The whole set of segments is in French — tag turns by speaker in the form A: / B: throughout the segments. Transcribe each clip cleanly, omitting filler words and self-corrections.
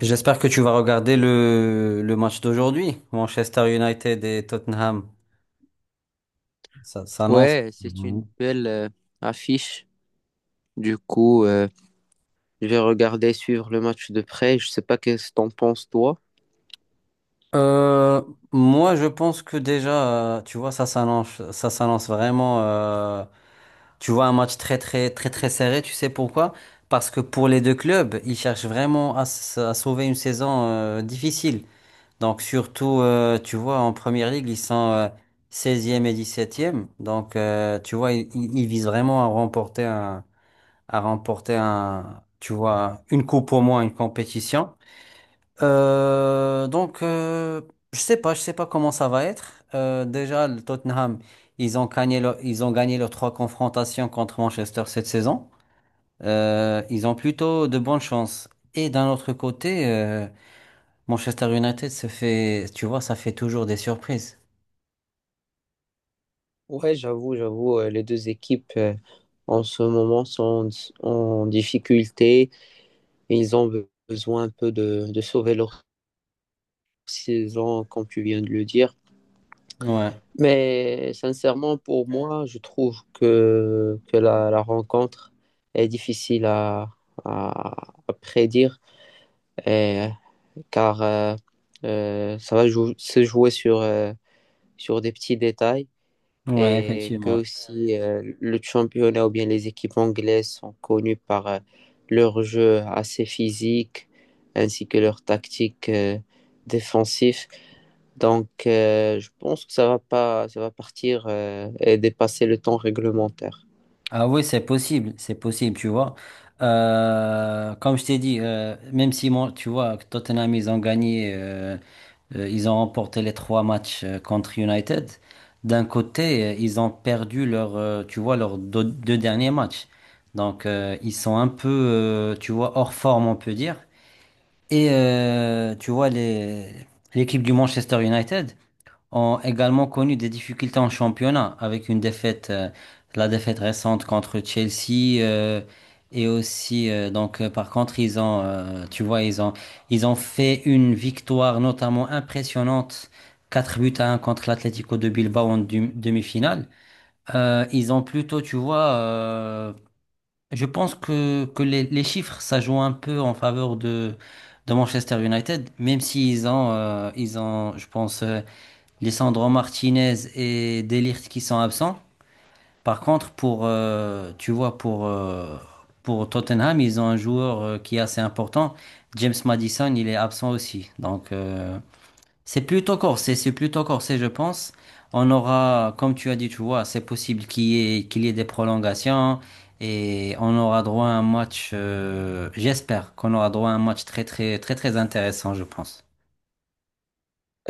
A: J'espère que tu vas regarder le match d'aujourd'hui, Manchester United et Tottenham. Ça s'annonce.
B: Ouais, c'est
A: Mhm.
B: une belle affiche. Du coup, euh, je vais regarder, suivre le match de près. Je sais pas qu'est-ce que t'en penses, toi.
A: Euh, moi, je pense que déjà, tu vois, ça s'annonce vraiment. Tu vois, un match très, très, très, très serré. Tu sais pourquoi? Parce que pour les deux clubs, ils cherchent vraiment à sauver une saison difficile. Donc, surtout, tu vois, en première ligue, ils sont 16 et 17e. Donc, tu vois, ils visent vraiment à remporter tu vois, une coupe au moins, une compétition. Donc, je sais pas comment ça va être. Déjà, le Tottenham, ils ont gagné leurs 3 confrontations contre Manchester cette saison. Ils ont plutôt de bonnes chances. Et d'un autre côté, Manchester United se fait, tu vois, ça fait toujours des surprises.
B: Ouais, j'avoue, les deux équipes en ce moment sont en difficulté. Ils ont besoin un peu de sauver leur saison, comme tu viens de le dire.
A: Ouais,
B: Mais sincèrement, pour moi, je trouve que la rencontre est difficile à prédire. Et- car ça va se jouer sur des petits détails,
A: ouais,
B: et que
A: effectivement.
B: aussi le championnat ou bien les équipes anglaises sont connues par leur jeu assez physique, ainsi que leur tactique défensif. Je pense que ça va pas, ça va partir et dépasser le temps réglementaire.
A: Ah oui, c'est possible, tu vois. Comme je t'ai dit, même si moi, tu vois, Tottenham, ils ont remporté les 3 matchs contre United. D'un côté, ils ont perdu leur, tu vois, leurs deux derniers matchs. Donc, ils sont un peu, tu vois, hors forme, on peut dire. Et tu vois, l'équipe du Manchester United ont également connu des difficultés en championnat avec une défaite, la défaite récente contre Chelsea et aussi donc par contre ils ont, tu vois, ils ont fait une victoire notamment impressionnante. 4-1 contre l'Atlético de Bilbao en demi-finale. Ils ont plutôt, je pense que les chiffres, ça joue un peu en faveur de Manchester United, même s'ils ont, ils ont, je pense, Lisandro Martinez et Delirte qui sont absents. Par contre, pour, pour Tottenham, ils ont un joueur qui est assez important. James Madison, il est absent aussi. Donc, c'est plutôt corsé, je pense. On aura, comme tu as dit, tu vois, c'est possible qu'il y ait des prolongations et on aura droit à un match, j'espère qu'on aura droit à un match très, très, très, très intéressant, je pense.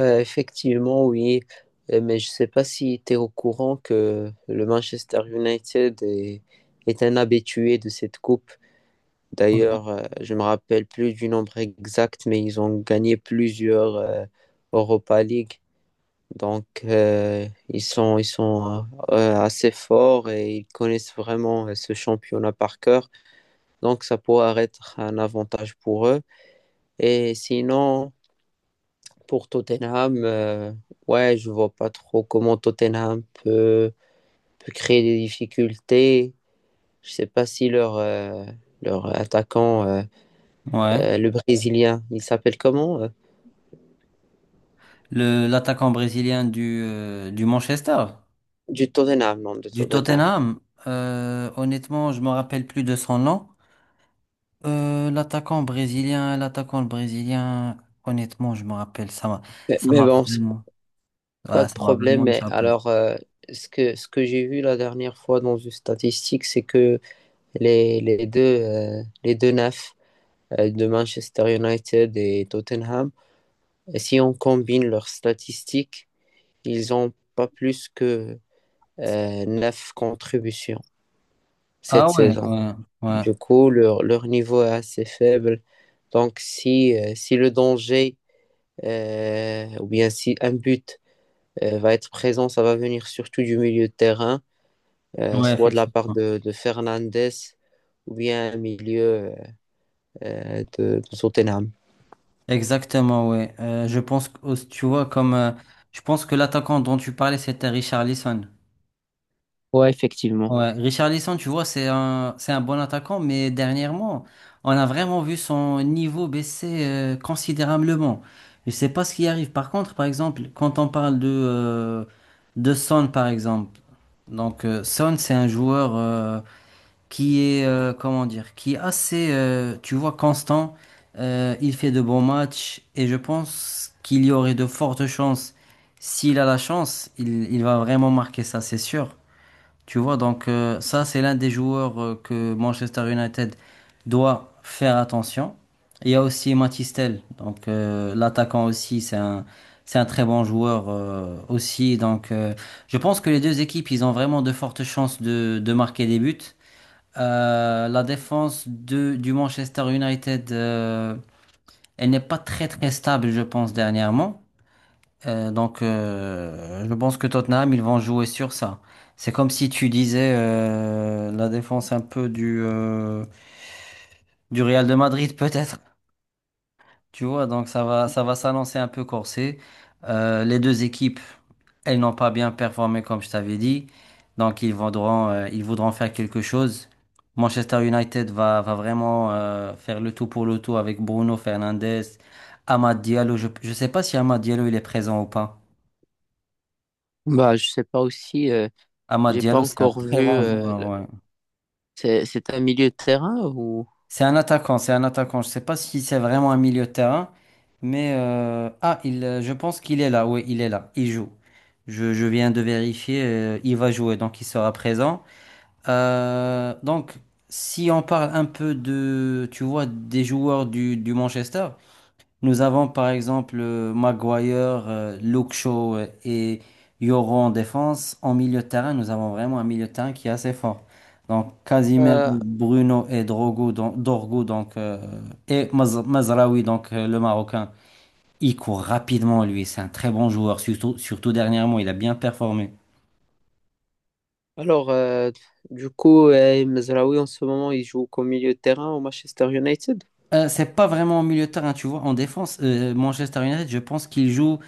B: Effectivement, oui. Mais je ne sais pas si tu es au courant que le Manchester United est un habitué de cette coupe. D'ailleurs, je me rappelle plus du nombre exact, mais ils ont gagné plusieurs Europa League. Donc, ils sont assez forts et ils connaissent vraiment ce championnat par cœur. Donc, ça pourrait être un avantage pour eux. Et sinon, pour Tottenham, ouais, je vois pas trop comment Tottenham peut créer des difficultés. Je sais pas si leur attaquant,
A: Ouais.
B: le Brésilien, il s'appelle comment?
A: le l'attaquant brésilien
B: Du Tottenham, non, de
A: du
B: Tottenham.
A: Tottenham. Honnêtement, je me rappelle plus de son nom. L'attaquant brésilien, l'attaquant brésilien, honnêtement, je me rappelle, ça
B: Mais
A: m'a
B: bon, c'est
A: vraiment,
B: pas
A: ouais,
B: de
A: ça m'a
B: problème.
A: vraiment
B: Mais
A: échappé.
B: alors, ce que j'ai vu la dernière fois dans une statistique, c'est que les deux neufs de Manchester United et Tottenham, si on combine leurs statistiques, ils ont pas plus que neuf contributions
A: Ah
B: cette
A: ouais,
B: saison.
A: ouais, ouais,
B: Du coup, leur niveau est assez faible. Donc, si le danger ou bien si un but va être présent, ça va venir surtout du milieu de terrain,
A: ouais,
B: soit de la part
A: effectivement.
B: de Fernandez, ou bien un milieu de Tottenham.
A: Exactement, ouais. Je pense que, tu vois, je pense que l'attaquant dont tu parlais, c'était Richarlison.
B: Ouais, effectivement.
A: Ouais, Richarlison, tu vois, c'est un bon attaquant, mais dernièrement, on a vraiment vu son niveau baisser considérablement. Je sais pas ce qui arrive. Par contre, par exemple, quand on parle de Son, par exemple, Son, c'est un joueur qui est, comment dire, qui est assez, tu vois, constant. Il fait de bons matchs et je pense qu'il y aurait de fortes chances. S'il a la chance, il va vraiment marquer ça, c'est sûr. Tu vois, ça, c'est l'un des joueurs que Manchester United doit faire attention. Il y a aussi Mathis Tel, l'attaquant aussi, c'est un très bon joueur aussi. Je pense que les deux équipes, ils ont vraiment de fortes chances de marquer des buts. La défense de, du Manchester United, elle n'est pas très très stable, je pense, dernièrement. Donc, je pense que Tottenham, ils vont jouer sur ça. C'est comme si tu disais la défense un peu du Real de Madrid, peut-être. Tu vois, donc ça va s'annoncer un peu corsé. Les deux équipes, elles n'ont pas bien performé, comme je t'avais dit. Donc, ils voudront faire quelque chose. Manchester United va, va vraiment faire le tout pour le tout avec Bruno Fernandes, Amad Diallo. Je ne sais pas si Amad Diallo, il est présent ou pas.
B: Bah, je sais pas aussi.
A: Amad
B: J'ai pas
A: Diallo, c'est un
B: encore vu.
A: très bon joueur. Ouais.
B: C'est un milieu de terrain ou…
A: C'est un attaquant, c'est un attaquant. Je ne sais pas si c'est vraiment un milieu de terrain, mais je pense qu'il est là. Oui, il est là. Il joue. Je viens de vérifier. Euh, il va jouer, donc il sera présent. Donc, si on parle un peu de, tu vois, des joueurs du Manchester. Nous avons par exemple Maguire, Luke Shaw et Yoro en défense. En milieu de terrain, nous avons vraiment un milieu de terrain qui est assez fort. Donc Casimiro,
B: Euh,
A: Bruno et Drogo, donc, Dorgo donc, et Mazraoui, le Marocain. Il court rapidement, lui. C'est un très bon joueur, surtout, surtout dernièrement. Il a bien performé.
B: Alors, euh, Mezraoui, en ce moment, il joue comme milieu de terrain au Manchester United.
A: C'est pas vraiment en milieu de terrain, tu vois. En défense, Manchester United, je pense qu'il joue,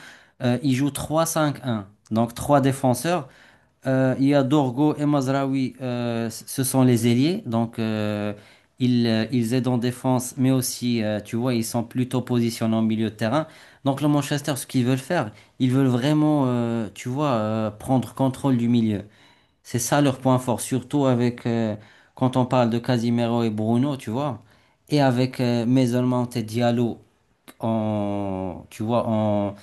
A: il joue 3-5-1. Donc 3 défenseurs. Il y a Dorgo et Mazraoui, ce sont les ailiers, ils, ils aident en défense, mais aussi, tu vois, ils sont plutôt positionnés en milieu de terrain. Donc le Manchester, ce qu'ils veulent faire, ils veulent vraiment, tu vois, prendre contrôle du milieu. C'est ça leur point fort, surtout avec, quand on parle de Casimiro et Bruno, tu vois, et avec Mason Mount et Diallo en, tu vois, en,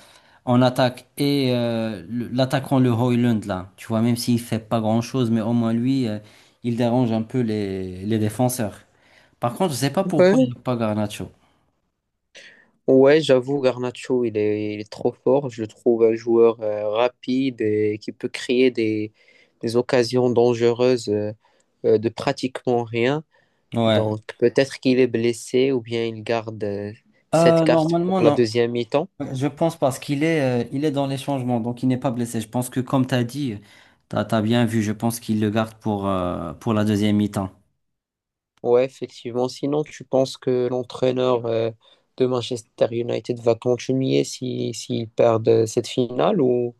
A: en attaque et l'attaquant le Hoyland là, tu vois, même s'il fait pas grand-chose, mais au moins lui, il dérange un peu les défenseurs. Par contre, je sais pas pourquoi il
B: Ouais,
A: n'y a pas Garnacho.
B: Ouais, j'avoue, Garnacho, il est trop fort. Je le trouve un joueur rapide et qui peut créer des occasions dangereuses de pratiquement rien.
A: Ouais.
B: Donc, peut-être qu'il est blessé ou bien il garde cette carte
A: Normalement,
B: pour la
A: non.
B: deuxième mi-temps.
A: Je pense parce qu'il est, il est dans les changements, donc il n'est pas blessé. Je pense que comme tu as dit, tu as bien vu, je pense qu'il le garde pour la deuxième mi-temps.
B: Ouais, effectivement. Sinon, tu penses que l'entraîneur de Manchester United va continuer si, s'ils perdent cette finale, ou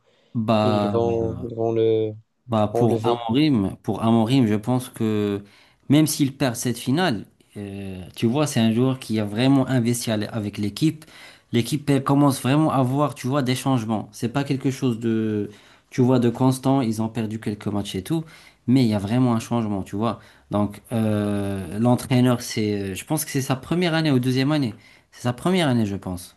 A: Bah,
B: ils vont le
A: Bah
B: enlever?
A: Pour Amorim, je pense que même s'il perd cette finale, tu vois, c'est un joueur qui a vraiment investi avec l'équipe. L'équipe elle commence vraiment à voir, tu vois, des changements. C'est pas quelque chose de, tu vois, de constant. Ils ont perdu quelques matchs et tout, mais il y a vraiment un changement, tu vois. Donc, l'entraîneur, c'est, je pense que c'est sa première année ou deuxième année. C'est sa première année, je pense.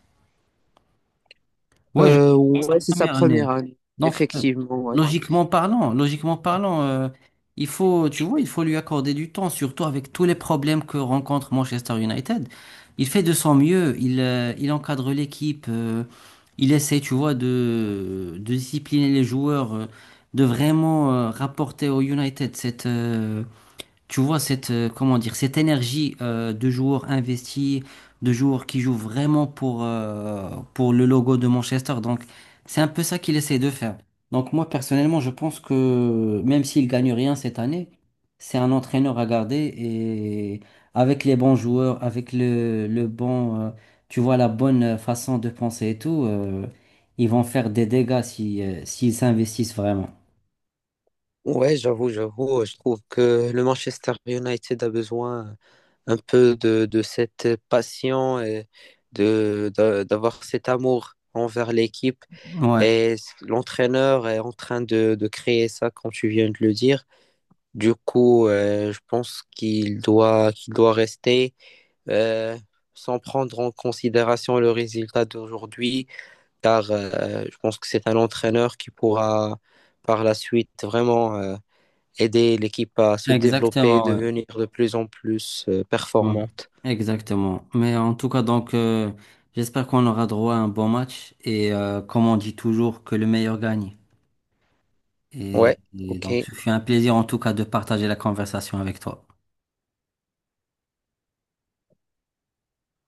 A: Ouais, je crois que c'est sa
B: Ouais, c'est sa
A: première année.
B: première année.
A: Donc,
B: Effectivement, ouais.
A: logiquement parlant, il faut, tu vois, il faut lui accorder du temps, surtout avec tous les problèmes que rencontre Manchester United. Il fait de son mieux, il encadre l'équipe, il essaie, tu vois, de discipliner les joueurs, de vraiment, rapporter au United cette, tu vois cette, comment dire, cette énergie de joueurs investis, de joueurs qui jouent vraiment pour le logo de Manchester. Donc, c'est un peu ça qu'il essaie de faire. Donc, moi, personnellement, je pense que même s'il gagne rien cette année, c'est un entraîneur à garder et avec les bons joueurs, avec le bon, tu vois, la bonne façon de penser et tout, ils vont faire des dégâts si, s'ils s'investissent vraiment.
B: J'avoue. Je trouve que le Manchester United a besoin un peu de cette passion et d'avoir cet amour envers l'équipe.
A: Ouais,
B: Et l'entraîneur est en train de créer ça, comme tu viens de le dire. Je pense qu'il doit rester euh, sans prendre en considération le résultat d'aujourd'hui, car je pense que c'est un entraîneur qui pourra par la suite vraiment aider l'équipe à se développer et
A: exactement.
B: devenir de plus en plus
A: Ouais,
B: performante.
A: exactement. Mais en tout cas, donc, j'espère qu'on aura droit à un bon match et, comme on dit toujours, que le meilleur gagne.
B: Ouais,
A: Et
B: ok.
A: donc, ce fut un plaisir en tout cas de partager la conversation avec toi.